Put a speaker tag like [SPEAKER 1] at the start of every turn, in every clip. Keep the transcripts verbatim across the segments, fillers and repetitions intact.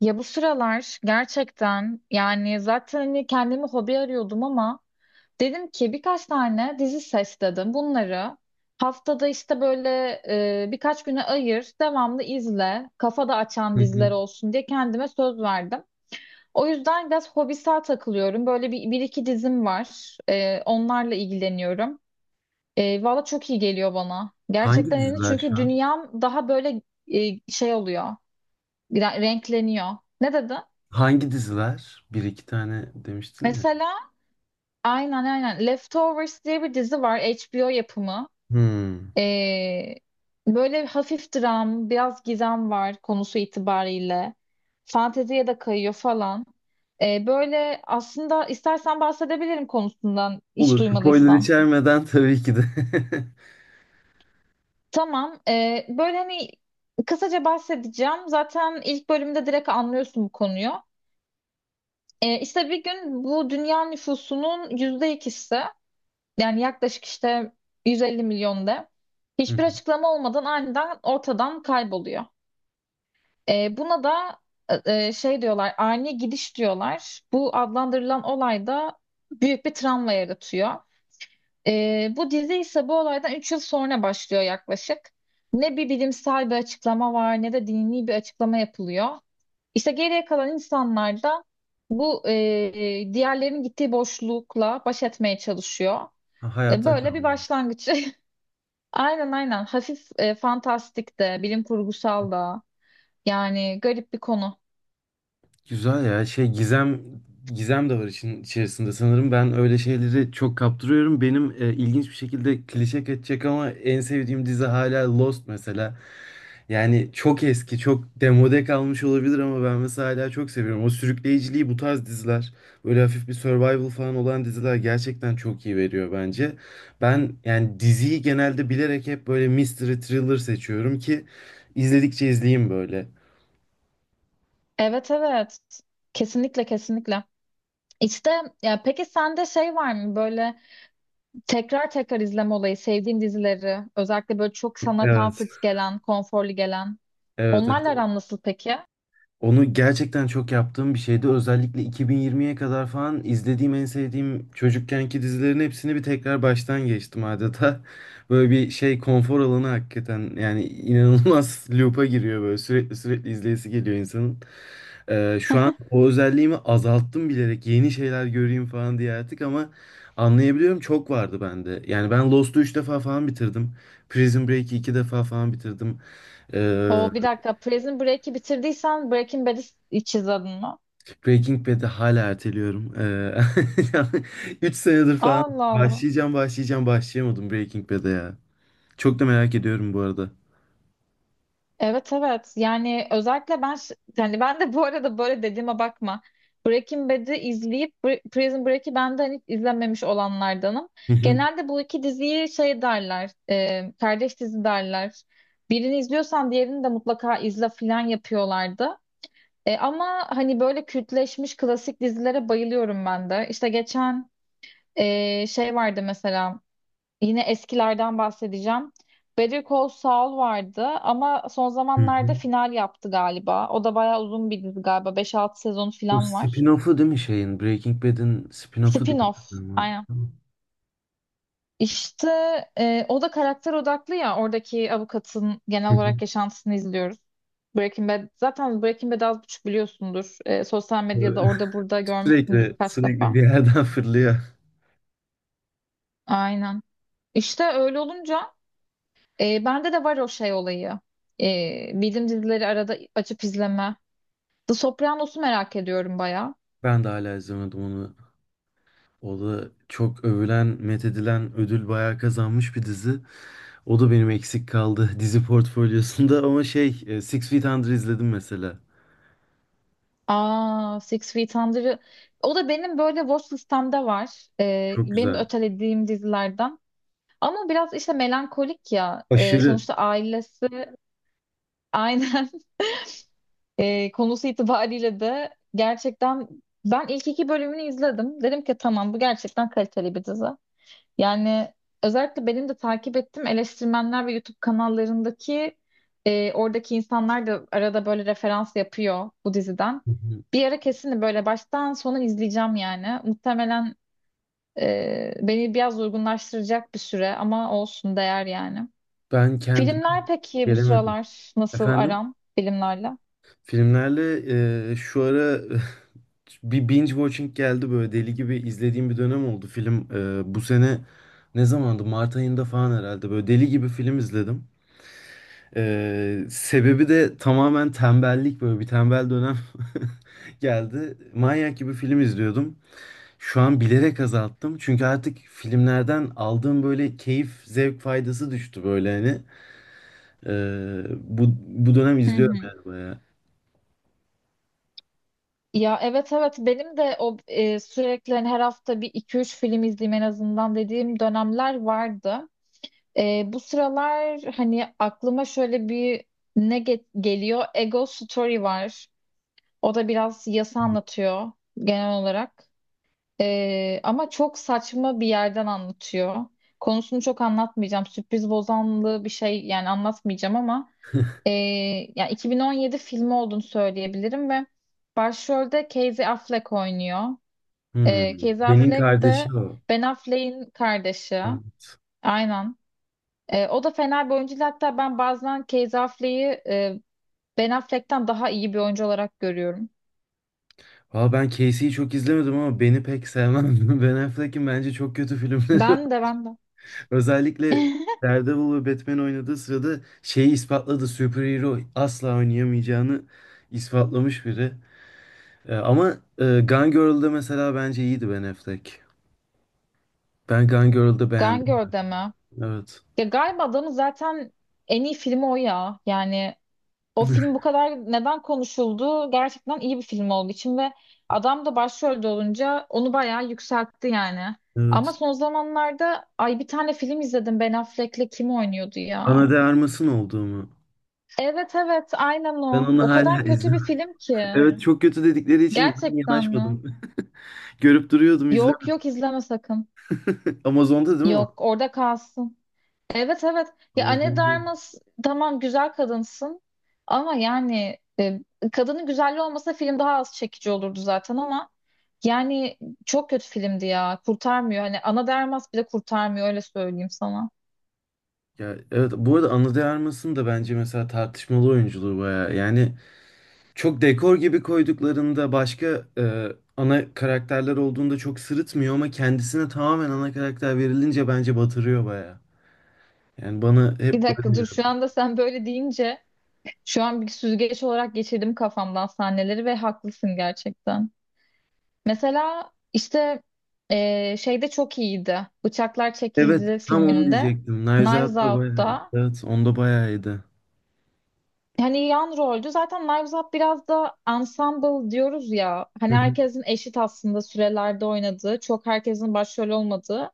[SPEAKER 1] Ya bu sıralar gerçekten yani zaten hani kendimi hobi arıyordum ama dedim ki birkaç tane dizi seçtim. Bunları haftada işte böyle, e, birkaç güne ayır, devamlı izle, kafa da
[SPEAKER 2] Hı
[SPEAKER 1] açan diziler
[SPEAKER 2] hı.
[SPEAKER 1] olsun diye kendime söz verdim. O yüzden biraz hobisel takılıyorum. Böyle bir, bir iki dizim var. E, onlarla ilgileniyorum. E, valla çok iyi geliyor bana.
[SPEAKER 2] Hangi
[SPEAKER 1] Gerçekten yani,
[SPEAKER 2] diziler şu
[SPEAKER 1] çünkü
[SPEAKER 2] an?
[SPEAKER 1] dünyam daha böyle, e, şey oluyor, re- renkleniyor. Ne dedi?
[SPEAKER 2] Hangi diziler? Bir iki tane demiştin ya.
[SPEAKER 1] Mesela. Aynen, aynen. Leftovers diye bir dizi var. H B O yapımı.
[SPEAKER 2] Hmm.
[SPEAKER 1] Ee, böyle hafif dram, biraz gizem var konusu itibariyle. Fanteziye de kayıyor falan. Ee, böyle aslında, istersen bahsedebilirim, konusundan hiç
[SPEAKER 2] Olur. Spoiler
[SPEAKER 1] duymadıysan.
[SPEAKER 2] içermeden tabii ki de.
[SPEAKER 1] Tamam. ee, böyle hani kısaca bahsedeceğim. Zaten ilk bölümde direkt anlıyorsun bu konuyu. Ee, işte bir gün bu dünya nüfusunun yüzde ikisi, yani yaklaşık işte 150 milyon de,
[SPEAKER 2] Hı.
[SPEAKER 1] hiçbir açıklama olmadan aniden ortadan kayboluyor. E, buna da e, e, şey diyorlar, ani gidiş diyorlar. Bu adlandırılan olay da büyük bir travma yaratıyor. E, bu dizi ise bu olaydan üç yıl sonra başlıyor yaklaşık. Ne bir bilimsel bir açıklama var, ne de dini bir açıklama yapılıyor. İşte geriye kalan insanlar da bu, e, diğerlerinin gittiği boşlukla baş etmeye çalışıyor.
[SPEAKER 2] Ha,
[SPEAKER 1] E,
[SPEAKER 2] hayatta
[SPEAKER 1] Böyle bir
[SPEAKER 2] kalma.
[SPEAKER 1] başlangıç. Aynen, aynen. Hafif, e, fantastik de, bilim kurgusal da. Yani garip bir konu.
[SPEAKER 2] Güzel ya. Şey gizem gizem de var için içerisinde sanırım. Ben öyle şeyleri çok kaptırıyorum. Benim e, ilginç bir şekilde klişe kaçacak ama en sevdiğim dizi hala Lost mesela. Yani çok eski, çok demode kalmış olabilir ama ben mesela hala çok seviyorum. O sürükleyiciliği bu tarz diziler, böyle hafif bir survival falan olan diziler gerçekten çok iyi veriyor bence. Ben yani diziyi genelde bilerek hep böyle mystery thriller seçiyorum ki izledikçe izleyeyim böyle.
[SPEAKER 1] Evet, evet. Kesinlikle, kesinlikle. İşte, ya peki sende şey var mı böyle, tekrar tekrar izleme olayı, sevdiğin dizileri, özellikle böyle çok sana
[SPEAKER 2] Evet.
[SPEAKER 1] comfort gelen, konforlu gelen.
[SPEAKER 2] Evet, evet.
[SPEAKER 1] Onlarla aran nasıl peki?
[SPEAKER 2] Onu gerçekten çok yaptığım bir şeydi. Özellikle iki bin yirmiye kadar falan izlediğim en sevdiğim çocukkenki dizilerin hepsini bir tekrar baştan geçtim adeta. Böyle bir şey konfor alanı hakikaten yani inanılmaz loop'a giriyor böyle sürekli sürekli izleyesi geliyor insanın. Ee, O özelliğimi azalttım bilerek yeni şeyler göreyim falan diye artık ama anlayabiliyorum çok vardı bende. Yani ben Lost'u üç defa falan bitirdim. Prison Break'i iki defa falan bitirdim. Ee,
[SPEAKER 1] O bir dakika, Prison Break'i bitirdiysen Breaking Bad'i hiç izledin mi?
[SPEAKER 2] Breaking Bad'i hala erteliyorum. Ee, üç senedir falan
[SPEAKER 1] Allah Allah.
[SPEAKER 2] başlayacağım, başlayacağım, başlayamadım Breaking Bad'e ya. Çok da merak ediyorum bu arada.
[SPEAKER 1] Evet, evet, yani özellikle ben, ş- yani ben de bu arada böyle, dediğime bakma. Breaking Bad'i izleyip Br- Prison Break'i ben de hani hiç izlememiş olanlardanım.
[SPEAKER 2] Hı hı,
[SPEAKER 1] Genelde bu iki diziyi şey derler, e, kardeş dizi derler. Birini izliyorsan diğerini de mutlaka izle filan yapıyorlardı. E, ama hani böyle kültleşmiş klasik dizilere bayılıyorum ben de. İşte geçen, e, şey vardı mesela. Yine eskilerden bahsedeceğim. Better Call Saul vardı ama son
[SPEAKER 2] hı
[SPEAKER 1] zamanlarda
[SPEAKER 2] hı.
[SPEAKER 1] final yaptı galiba. O da bayağı uzun bir dizi galiba. Beş altı sezonu
[SPEAKER 2] O
[SPEAKER 1] falan var.
[SPEAKER 2] spin-off'u değil mi şeyin? Breaking Bad'in spin-off'u diye
[SPEAKER 1] Spin-off.
[SPEAKER 2] hatırlıyorum.
[SPEAKER 1] Aynen.
[SPEAKER 2] Hı
[SPEAKER 1] İşte, e, o da karakter odaklı ya. Oradaki avukatın genel
[SPEAKER 2] hı.
[SPEAKER 1] olarak yaşantısını izliyoruz. Breaking Bad. Zaten Breaking Bad'i az buçuk biliyorsundur. E, sosyal medyada orada burada görmüşsündür
[SPEAKER 2] Sürekli,
[SPEAKER 1] kaç
[SPEAKER 2] sürekli
[SPEAKER 1] defa.
[SPEAKER 2] bir yerden fırlıyor.
[SPEAKER 1] Aynen. İşte öyle olunca, e, bende de var o şey olayı. E, bildiğim dizileri arada açıp izleme. The Sopranos'u merak ediyorum bayağı.
[SPEAKER 2] Ben de hala izlemedim onu. O da çok övülen, methedilen, ödül bayağı kazanmış bir dizi. O da benim eksik kaldı dizi portfolyosunda ama şey, e, Six Feet Under izledim mesela.
[SPEAKER 1] Aa, Six Feet Under'ı. O da benim böyle watch listemde var. Ee,
[SPEAKER 2] Çok
[SPEAKER 1] benim de
[SPEAKER 2] güzel.
[SPEAKER 1] ötelediğim dizilerden. Ama biraz işte melankolik ya. Ee,
[SPEAKER 2] Aşırı.
[SPEAKER 1] sonuçta ailesi, aynen. ee, konusu itibariyle de gerçekten, ben ilk iki bölümünü izledim. Dedim ki tamam, bu gerçekten kaliteli bir dizi. Yani özellikle benim de takip ettiğim eleştirmenler ve YouTube kanallarındaki, e, oradaki insanlar da arada böyle referans yapıyor bu diziden.
[SPEAKER 2] Hı hı.
[SPEAKER 1] Bir ara kesin böyle baştan sona izleyeceğim yani. Muhtemelen, e, beni biraz uygunlaştıracak bir süre ama olsun, değer yani.
[SPEAKER 2] Ben kendime
[SPEAKER 1] Filmler peki, bu
[SPEAKER 2] gelemedim.
[SPEAKER 1] sıralar nasıl
[SPEAKER 2] Efendim?
[SPEAKER 1] aran filmlerle?
[SPEAKER 2] Filmlerle e, şu ara bir binge watching geldi böyle deli gibi izlediğim bir dönem oldu. Film e, bu sene ne zamandı? Mart ayında falan herhalde böyle deli gibi film izledim. E, sebebi de tamamen tembellik böyle bir tembel dönem geldi. Manyak gibi film izliyordum. Şu an bilerek azalttım. Çünkü artık filmlerden aldığım böyle keyif, zevk faydası düştü böyle hani. Ee, bu, bu dönem
[SPEAKER 1] Hı
[SPEAKER 2] izliyorum
[SPEAKER 1] hı.
[SPEAKER 2] yani bayağı.
[SPEAKER 1] Ya evet, evet, benim de o, e, sürekli hani her hafta bir iki üç film izleyeyim en azından dediğim dönemler vardı. E, bu sıralar hani aklıma şöyle bir ne, ge- geliyor? Ego Story var. O da biraz yasa anlatıyor genel olarak. Ee, ama çok saçma bir yerden anlatıyor. Konusunu çok anlatmayacağım. Sürpriz bozanlığı bir şey yani anlatmayacağım ama, ee, yani iki bin on yedi filmi olduğunu söyleyebilirim ve başrolde Casey Affleck oynuyor.
[SPEAKER 2] Hmm.
[SPEAKER 1] Ee, Casey
[SPEAKER 2] Ben'in
[SPEAKER 1] Affleck de
[SPEAKER 2] kardeşi o.
[SPEAKER 1] Ben Affleck'in kardeşi. Aynen. Ee, o da fena bir oyuncu değil. Hatta ben bazen Casey Affleck'i, e, Ben Affleck'ten daha iyi bir oyuncu olarak görüyorum.
[SPEAKER 2] Valla ben Casey'yi çok izlemedim ama Ben'i pek sevmem. Ben Affleck'in bence çok kötü filmleri var.
[SPEAKER 1] Ben de, ben de.
[SPEAKER 2] Özellikle Daredevil ve Batman oynadığı sırada şeyi ispatladı. Superhero asla oynayamayacağını ispatlamış biri. Ee, ama e, Gone Girl'da mesela bence iyiydi Ben Affleck. Ben Gone Girl'da
[SPEAKER 1] Gone
[SPEAKER 2] beğendim.
[SPEAKER 1] Girl'de mi?
[SPEAKER 2] Evet.
[SPEAKER 1] Ya galiba adamın zaten en iyi filmi o ya. Yani o film bu kadar neden konuşuldu? Gerçekten iyi bir film olduğu için ve adam da başrolde olunca onu bayağı yükseltti yani. Ama
[SPEAKER 2] Evet.
[SPEAKER 1] son zamanlarda, ay, bir tane film izledim Ben Affleck'le, kim oynuyordu ya?
[SPEAKER 2] Ana de Armas'ın olduğu mu?
[SPEAKER 1] Evet, evet, aynen
[SPEAKER 2] Ben
[SPEAKER 1] o.
[SPEAKER 2] onu
[SPEAKER 1] O
[SPEAKER 2] hala
[SPEAKER 1] kadar kötü bir
[SPEAKER 2] izlemedim.
[SPEAKER 1] film ki.
[SPEAKER 2] Evet çok kötü dedikleri için ben
[SPEAKER 1] Gerçekten mi?
[SPEAKER 2] yanaşmadım. Görüp duruyordum
[SPEAKER 1] Yok,
[SPEAKER 2] izlemedim.
[SPEAKER 1] yok, izleme sakın.
[SPEAKER 2] Amazon'da değil mi o?
[SPEAKER 1] Yok, orada kalsın. Evet, evet. Ya Anne
[SPEAKER 2] Amazon'da.
[SPEAKER 1] Darmas, tamam güzel kadınsın, ama yani, e, kadının güzelliği olmasa film daha az çekici olurdu zaten, ama yani çok kötü filmdi ya. Kurtarmıyor. Hani Ana Darmas bile kurtarmıyor, öyle söyleyeyim sana.
[SPEAKER 2] Ya evet bu arada Anna de Armas'ın da bence mesela tartışmalı oyunculuğu bayağı. Yani çok dekor gibi koyduklarında başka e, ana karakterler olduğunda çok sırıtmıyor ama kendisine tamamen ana karakter verilince bence batırıyor bayağı. Yani bana
[SPEAKER 1] Bir
[SPEAKER 2] hep
[SPEAKER 1] dakika
[SPEAKER 2] böyle
[SPEAKER 1] dur,
[SPEAKER 2] geldi.
[SPEAKER 1] şu anda sen böyle deyince şu an bir süzgeç olarak geçirdim kafamdan sahneleri ve haklısın gerçekten. Mesela işte, e, şeyde çok iyiydi. Bıçaklar Çekildi
[SPEAKER 2] Evet tam onu
[SPEAKER 1] filminde.
[SPEAKER 2] diyecektim.
[SPEAKER 1] Knives
[SPEAKER 2] Nevzat da bayağı.
[SPEAKER 1] Out'ta.
[SPEAKER 2] Evet onda bayağıydı.
[SPEAKER 1] Yani yan roldü. Zaten Knives Up biraz da ensemble diyoruz ya. Hani herkesin eşit aslında sürelerde oynadığı, çok herkesin başrol olmadığı,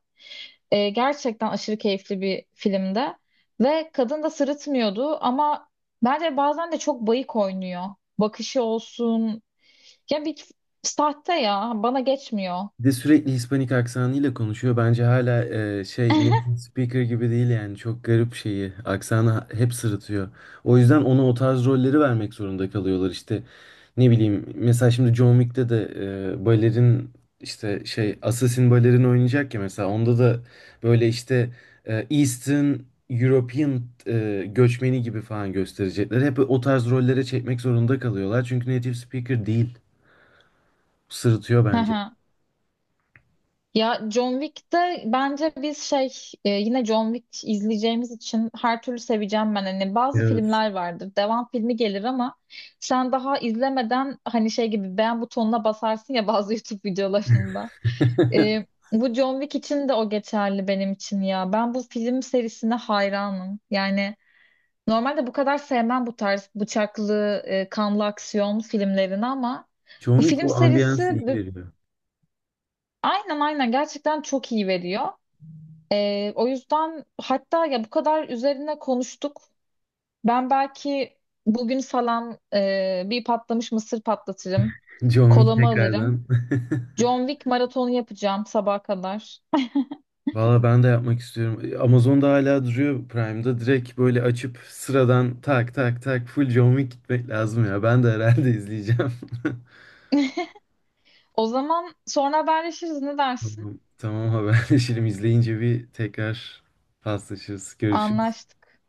[SPEAKER 1] e, gerçekten aşırı keyifli bir filmde. Ve kadın da sırıtmıyordu ama bence bazen de çok bayık oynuyor. Bakışı olsun. Ya, bir sahte ya. Bana geçmiyor.
[SPEAKER 2] Bir de sürekli Hispanik aksanıyla konuşuyor. Bence hala e, şey native speaker gibi değil yani. Çok garip şeyi. Aksanı ha- hep sırıtıyor. O yüzden ona o tarz rolleri vermek zorunda kalıyorlar. İşte ne bileyim mesela şimdi John Wick'te de e, balerin işte şey assassin balerin oynayacak ya mesela. Onda da böyle işte e, Eastern European e, göçmeni gibi falan gösterecekler. Hep o tarz rollere çekmek zorunda kalıyorlar. Çünkü native speaker değil. Sırıtıyor bence.
[SPEAKER 1] Ya John Wick'te bence biz, şey e, yine John Wick izleyeceğimiz için her türlü seveceğim ben. Hani bazı
[SPEAKER 2] Evet.
[SPEAKER 1] filmler vardır. Devam filmi gelir ama sen daha izlemeden hani şey gibi beğen butonuna basarsın ya, bazı YouTube videolarında. E, bu John Wick için de o geçerli benim için ya. Ben bu film serisine hayranım. Yani normalde bu kadar sevmem bu tarz bıçaklı, e, kanlı aksiyon filmlerini ama
[SPEAKER 2] John
[SPEAKER 1] bu
[SPEAKER 2] Wick
[SPEAKER 1] film
[SPEAKER 2] o ambiyansı
[SPEAKER 1] serisi,
[SPEAKER 2] iyi
[SPEAKER 1] bu-
[SPEAKER 2] veriyor.
[SPEAKER 1] aynen, aynen, gerçekten çok iyi veriyor. Ee, o yüzden hatta ya, bu kadar üzerine konuştuk. Ben belki bugün falan, e, bir patlamış mısır patlatırım.
[SPEAKER 2] John Wick
[SPEAKER 1] Kolamı alırım.
[SPEAKER 2] tekrardan.
[SPEAKER 1] John Wick maratonu yapacağım sabaha kadar.
[SPEAKER 2] Valla ben de yapmak istiyorum. Amazon'da hala duruyor Prime'da. Direkt böyle açıp sıradan tak tak tak full John Wick gitmek lazım ya. Ben de herhalde izleyeceğim.
[SPEAKER 1] O zaman sonra haberleşiriz, ne dersin?
[SPEAKER 2] Tamam, tamam haberleşelim. İzleyince bir tekrar paslaşırız. Görüşürüz.
[SPEAKER 1] Anlaştık.